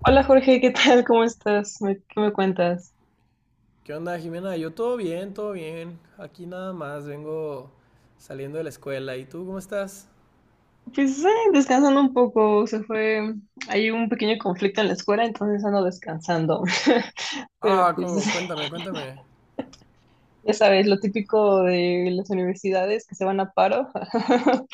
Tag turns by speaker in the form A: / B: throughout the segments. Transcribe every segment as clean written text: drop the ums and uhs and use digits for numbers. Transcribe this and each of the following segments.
A: Hola Jorge, ¿qué tal? ¿Cómo estás? ¿Qué me cuentas?
B: ¿Qué onda, Jimena? Yo todo bien, todo bien. Aquí nada más, vengo saliendo de la escuela. ¿Y tú cómo estás?
A: Pues descansando un poco, se fue, hay un pequeño conflicto en la escuela, entonces ando descansando. Pero
B: Ah,
A: pues
B: cuéntame, cuéntame.
A: ya sabes, lo típico de las universidades que se van a paro.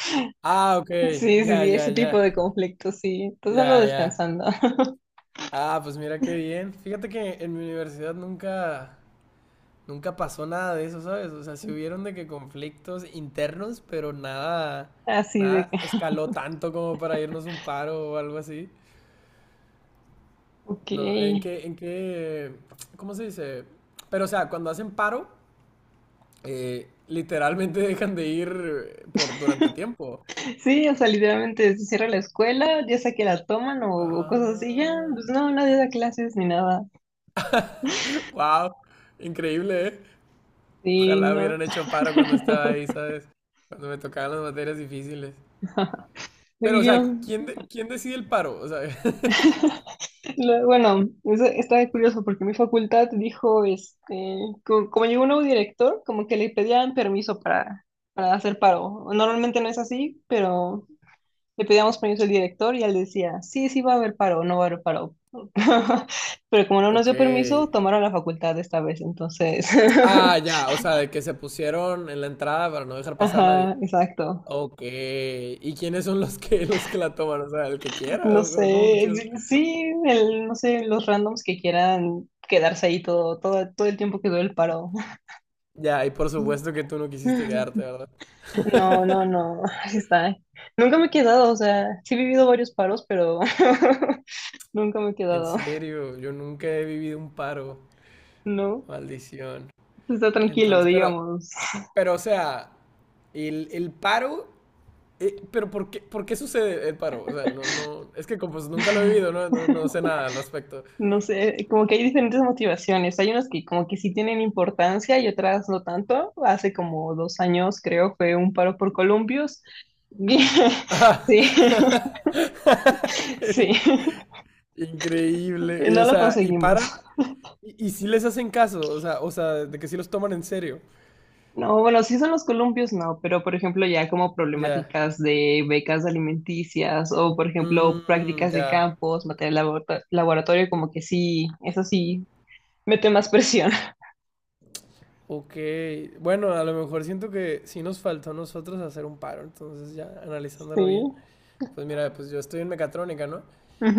B: Ah, ok,
A: Sí, sí,
B: ya,
A: sí,
B: ya,
A: ese tipo
B: ya,
A: de conflictos, sí. Entonces ando
B: ya, ya.
A: descansando.
B: Ah, pues mira qué bien. Fíjate que en mi universidad nunca pasó nada de eso, ¿sabes? O sea, sí hubieron de que conflictos internos, pero
A: Así de
B: nada
A: que,
B: escaló tanto como para irnos un paro o algo así.
A: ok.
B: No, ¿en qué, ¿cómo se dice? Pero o sea, cuando hacen paro. Literalmente dejan de ir por durante tiempo.
A: Sí, o sea, literalmente se cierra la escuela, ya sea que la toman o cosas así, ya,
B: Ah,
A: pues no, nadie da clases ni nada.
B: wow, increíble, ¿eh?
A: Sí,
B: Ojalá
A: no.
B: hubieran hecho paro cuando estaba ahí, ¿sabes? Cuando me tocaban las materias difíciles. Pero, o
A: Y yo
B: sea,
A: no-
B: ¿quién decide el paro? O sea,
A: bueno, eso está curioso porque mi facultad dijo, este, como, llegó un nuevo director, como que le pedían permiso para hacer paro. Normalmente no es así, pero le pedíamos permiso al director y él decía, sí, sí va a haber paro, no va a haber paro. Pero como no nos
B: ok.
A: dio permiso, tomaron la facultad esta vez, entonces,
B: Ah, ya, o sea, de que se pusieron en la entrada para no dejar pasar a nadie.
A: ajá, exacto.
B: Ok. ¿Y quiénes son los que los que la toman? O sea, el que quiera,
A: No
B: o ¿cómo
A: sé,
B: funciona?
A: sí, sí, el, no sé, los randoms que quieran quedarse ahí todo, todo, todo el tiempo que dure el paro.
B: Ya, y por supuesto que tú no quisiste
A: No,
B: quedarte, ¿verdad?
A: no, no, así está. Nunca me he quedado, o sea, sí he vivido varios paros, pero nunca me he
B: En
A: quedado,
B: serio, yo nunca he vivido un paro.
A: ¿no?
B: Maldición.
A: Está tranquilo,
B: Entonces,
A: digamos.
B: pero, o sea, el paro, pero ¿por qué sucede el paro? O sea, no, no, es que como pues, nunca lo he vivido, no, no, no sé nada al respecto.
A: No sé, como que hay diferentes motivaciones. Hay unas que como que sí tienen importancia y otras no tanto. Hace como dos años, creo, fue un paro por columpios.
B: Ah,
A: Sí, sí,
B: increíble. Y,
A: no
B: o
A: lo
B: sea, y
A: conseguimos.
B: paran y sí les hacen caso, o sea, de que sí los toman en serio.
A: No, bueno, sí son los columpios, no, pero por ejemplo ya como
B: Ya.
A: problemáticas de becas alimenticias o por ejemplo
B: Mm,
A: prácticas de
B: ya.
A: campos, material laboratorio, como que sí, eso sí, mete más presión.
B: Ok, bueno, a lo mejor siento que sí nos faltó a nosotros hacer un paro, entonces ya
A: Sí.
B: analizándolo bien, pues mira, pues yo estoy en mecatrónica, ¿no?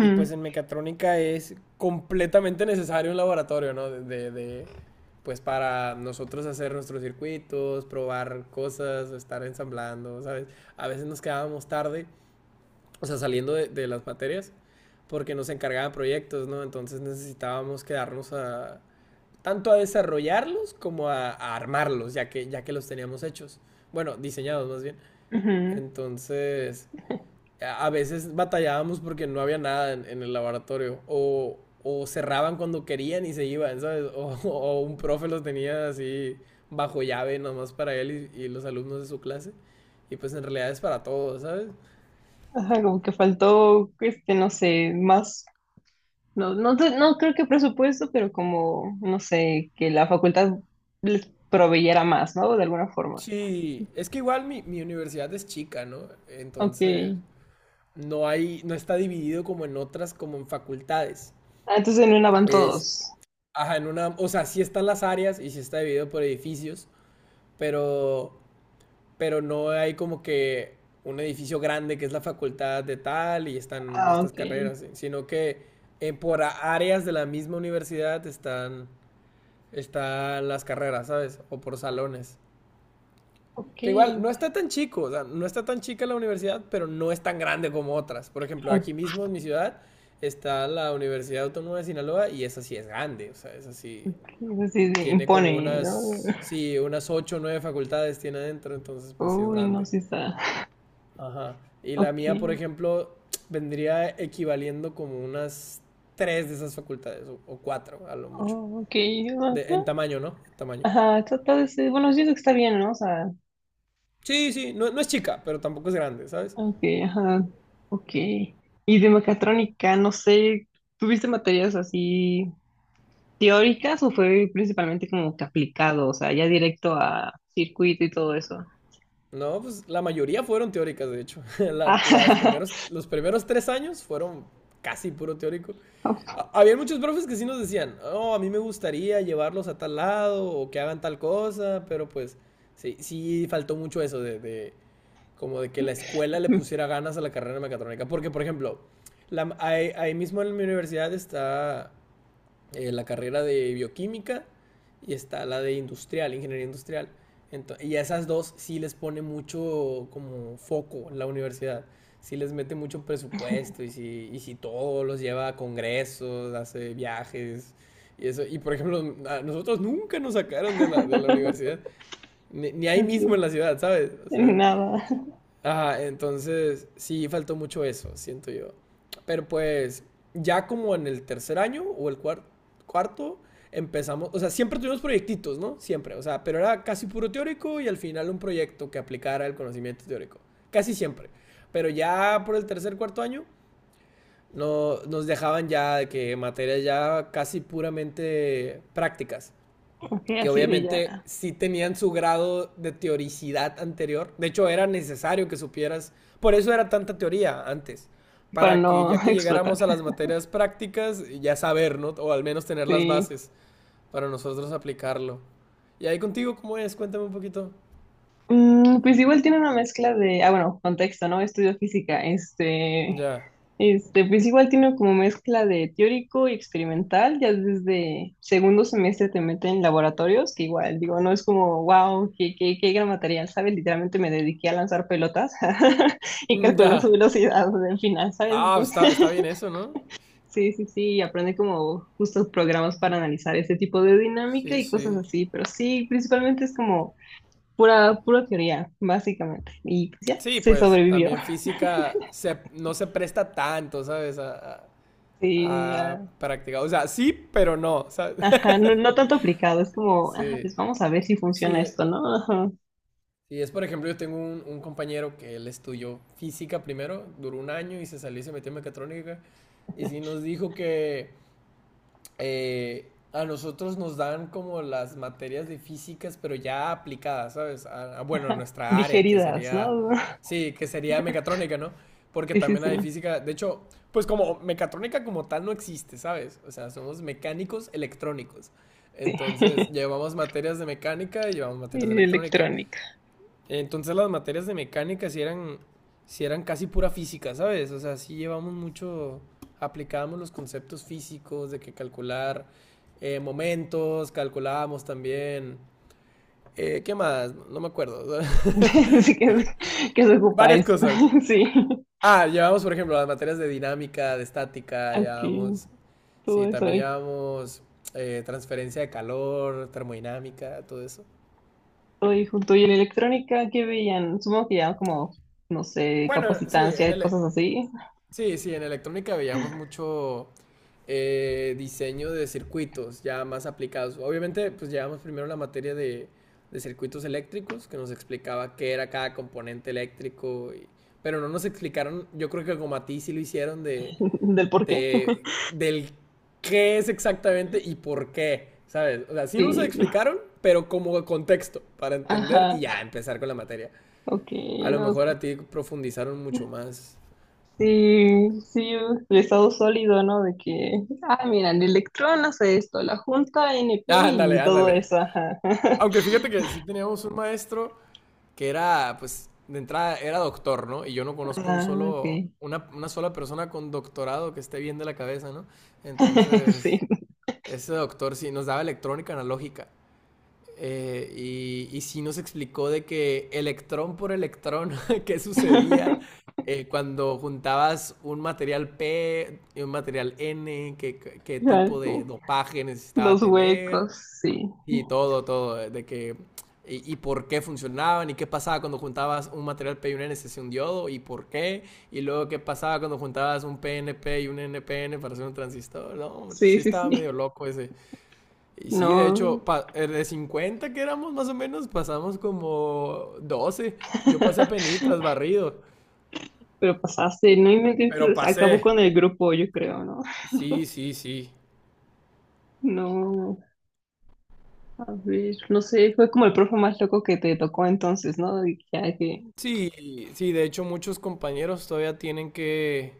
B: Y pues en mecatrónica es completamente necesario un laboratorio, ¿no? Pues para nosotros hacer nuestros circuitos, probar cosas, estar ensamblando, ¿sabes? A veces nos quedábamos tarde, o sea, saliendo de las materias, porque nos encargaban proyectos, ¿no? Entonces necesitábamos quedarnos a, tanto a desarrollarlos como a armarlos, ya que los teníamos hechos. Bueno, diseñados más bien.
A: ujú.
B: Entonces, a veces batallábamos porque no había nada en, en el laboratorio. O cerraban cuando querían y se iban, ¿sabes? O, o un profe los tenía así bajo llave nomás para él y los alumnos de su clase. Y pues en realidad es para todos, ¿sabes?
A: Ajá, como que faltó, este, no sé, más, no, sé, no creo que presupuesto, pero como, no sé, que la facultad les proveyera más, ¿no? De alguna forma.
B: Sí, es que igual mi universidad es chica, ¿no?
A: Ok.
B: Entonces no hay, no está dividido como en otras, como en facultades.
A: Ah, entonces en una van
B: Es,
A: todos.
B: ajá, en una, o sea, sí están las áreas y sí está dividido por edificios, pero, pero no hay como que un edificio grande que es la facultad de tal y están
A: Ah,
B: estas
A: ok.
B: carreras, sino que por áreas de la misma universidad están las carreras, ¿sabes? O por salones.
A: Ok.
B: Que igual no está tan chico, o sea, no está tan chica la universidad, pero no es tan grande como otras. Por ejemplo, aquí
A: Ok.
B: mismo en mi ciudad está la Universidad Autónoma de Sinaloa y esa sí es grande, o sea, esa sí
A: Eso sí se
B: tiene como
A: impone, ¿no?
B: unas, sí, unas ocho o nueve facultades tiene adentro, entonces pues sí es
A: Uy, no,
B: grande.
A: sí está.
B: Ajá. Y la mía, por
A: Ok.
B: ejemplo, vendría equivaliendo como unas tres de esas facultades, o cuatro a lo mucho.
A: Oh, ok. Ajá.
B: En tamaño, ¿no? En tamaño.
A: Ajá, bueno, yo digo que está bien, ¿no? O sea,
B: Sí, sí, no, no es chica, pero tampoco es grande, ¿sabes?
A: ok, ajá. Ok. Y de mecatrónica, no sé, ¿tuviste materias así teóricas o fue principalmente como que aplicado? O sea, ya directo a circuito y todo eso.
B: No, pues la mayoría fueron teóricas, de hecho. Los primeros tres años fueron casi puro teórico.
A: Ajá.
B: Había muchos profes que sí nos decían, oh, a mí me gustaría llevarlos a tal lado o que hagan tal cosa, pero pues sí, sí faltó mucho eso como de que la escuela le pusiera ganas a la carrera de mecatrónica. Porque, por ejemplo, ahí mismo en mi universidad está la carrera de bioquímica y está la de industrial, ingeniería industrial. Y a esas dos sí les pone mucho como foco la universidad. Sí les mete mucho presupuesto y sí todo los lleva a congresos, hace viajes y eso. Y por ejemplo, a nosotros nunca nos sacaron de la universidad, ni ahí
A: Así,
B: mismo en la ciudad, ¿sabes? O sea,
A: nada.
B: ajá, entonces sí faltó mucho eso, siento yo. Pero pues ya como en el tercer año o el cuarto empezamos, o sea, siempre tuvimos proyectitos, ¿no? Siempre, o sea, pero era casi puro teórico y al final un proyecto que aplicara el conocimiento teórico, casi siempre. Pero ya por el tercer, cuarto año no, nos dejaban ya de que materias ya casi puramente prácticas
A: Ok,
B: que
A: así de
B: obviamente
A: ya,
B: sí tenían su grado de teoricidad anterior. De hecho, era necesario que supieras. Por eso era tanta teoría antes.
A: para
B: Para que
A: no
B: ya que
A: explotar.
B: llegáramos a las materias prácticas, ya saber, ¿no? O al menos tener las
A: Sí.
B: bases para nosotros aplicarlo. ¿Y ahí contigo cómo es? Cuéntame un poquito.
A: Mm, pues igual tiene una mezcla de, ah, bueno, contexto, ¿no? Estudio física,
B: Ya.
A: pues igual tiene como mezcla de teórico y experimental, ya desde segundo semestre te meten en laboratorios, que igual, digo, no es como, wow, qué gran material, ¿sabes? Literalmente me dediqué a lanzar pelotas y
B: Mm,
A: calcular su
B: ya.
A: velocidad del final, ¿sabes?
B: Ah, está,
A: Entonces,
B: está bien eso, ¿no?
A: sí, sí, sí, y aprende como justos programas para analizar ese tipo de dinámica
B: Sí,
A: y cosas
B: sí.
A: así, pero sí, principalmente es como pura, pura teoría, básicamente. Y pues ya,
B: Sí,
A: se
B: pues
A: sobrevivió.
B: también física se, no se presta tanto, ¿sabes?
A: Sí,
B: A
A: ah,
B: practicar. O sea, sí, pero no. ¿Sabes?
A: ajá, no, no tanto aplicado, es como, ah,
B: Sí,
A: pues vamos a ver si
B: sí,
A: funciona esto, ¿no? Ajá.
B: sí, es por ejemplo, yo tengo un compañero que él estudió física primero, duró un año y se salió y se metió en mecatrónica. Y sí nos dijo que a nosotros nos dan como las materias de físicas, pero ya aplicadas, ¿sabes? A, bueno, nuestra área,
A: Digeridas, ¿no?
B: sí, que sería mecatrónica, ¿no? Porque
A: Sí, sí,
B: también
A: sí,
B: hay física, de hecho, pues como mecatrónica como tal no existe, ¿sabes? O sea, somos mecánicos electrónicos.
A: sí.
B: Entonces, llevamos materias de mecánica y llevamos materias de
A: Y
B: electrónica.
A: electrónica.
B: Entonces las materias de mecánica sí eran casi pura física, ¿sabes? O sea, sí llevamos mucho, aplicábamos los conceptos físicos de que calcular momentos, calculábamos también, ¿qué más? No me acuerdo.
A: Sí, que, se ocupa
B: Varias
A: esto.
B: cosas.
A: Sí,
B: Ah, llevamos, por ejemplo, las materias de dinámica, de estática,
A: aquí, todo
B: sí,
A: eso
B: también
A: ahí.
B: llevamos transferencia de calor, termodinámica, todo eso.
A: Todo ahí junto. Y en electrónica, ¿qué veían? Supongo que ya como, no sé,
B: Bueno, sí, en
A: capacitancia,
B: el,
A: cosas así,
B: Sí, sí, en electrónica veíamos mucho diseño de circuitos ya más aplicados. Obviamente, pues llevamos primero la materia de circuitos eléctricos, que nos explicaba qué era cada componente eléctrico, y- pero no nos explicaron, yo creo que como a ti sí lo hicieron,
A: del por qué.
B: del qué es exactamente y por qué, ¿sabes? O sea, sí nos lo
A: Sí,
B: explicaron, pero como contexto, para entender y
A: ajá,
B: ya empezar con la materia.
A: ok,
B: A lo
A: no.
B: mejor a ti profundizaron mucho más.
A: Sí, sí, el estado sólido, ¿no? De que, ah, mira, el electrón hace esto, la junta NP
B: Ah, ándale,
A: y todo
B: ándale.
A: eso, ajá.
B: Aunque fíjate que sí teníamos un maestro que era, pues, de entrada era doctor, ¿no? Y yo no conozco un
A: Ah,
B: solo,
A: ok.
B: una sola persona con doctorado que esté bien de la cabeza, ¿no?
A: Sí.
B: Entonces, ese doctor sí nos daba electrónica analógica. Y sí nos explicó de que electrón por electrón, qué sucedía cuando juntabas un material P y un material N, qué
A: Ya,
B: tipo de
A: como
B: dopaje necesitaba
A: los
B: tener
A: huecos, sí.
B: y todo, todo, de que... por qué funcionaban y qué pasaba cuando juntabas un material P y un NC, un diodo y por qué. Y luego qué pasaba cuando juntabas un PNP y un NPN para hacer un transistor. No, hombre, sí
A: Sí, sí,
B: estaba
A: sí.
B: medio loco ese. Y sí, de
A: No.
B: hecho, de 50 que éramos más o menos, pasamos como 12. Yo pasé a penitas, barrido.
A: Pero pasaste, no
B: Pero
A: inventes, acabó
B: pasé.
A: con el grupo, yo creo, ¿no?
B: Sí, sí, sí.
A: No, a ver, no sé, fue como el profe más loco que te tocó entonces, ¿no? De que,
B: Sí, sí, de hecho muchos compañeros todavía tienen que...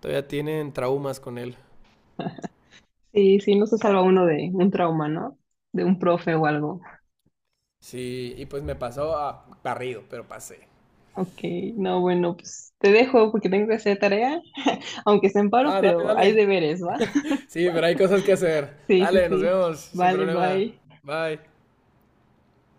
B: Todavía tienen traumas con él.
A: sí, sí, no se salva uno de un trauma, ¿no? De un profe o algo.
B: Sí, y pues me pasó a barrido, pero pasé.
A: Ok, no, bueno, pues te dejo porque tengo que hacer tarea, aunque esté en paro,
B: Ah, dale,
A: pero hay
B: dale.
A: deberes, ¿va?
B: Sí, pero hay cosas que hacer.
A: Sí, sí,
B: Dale, nos
A: sí.
B: vemos, sin
A: Vale,
B: problema.
A: bye.
B: Bye.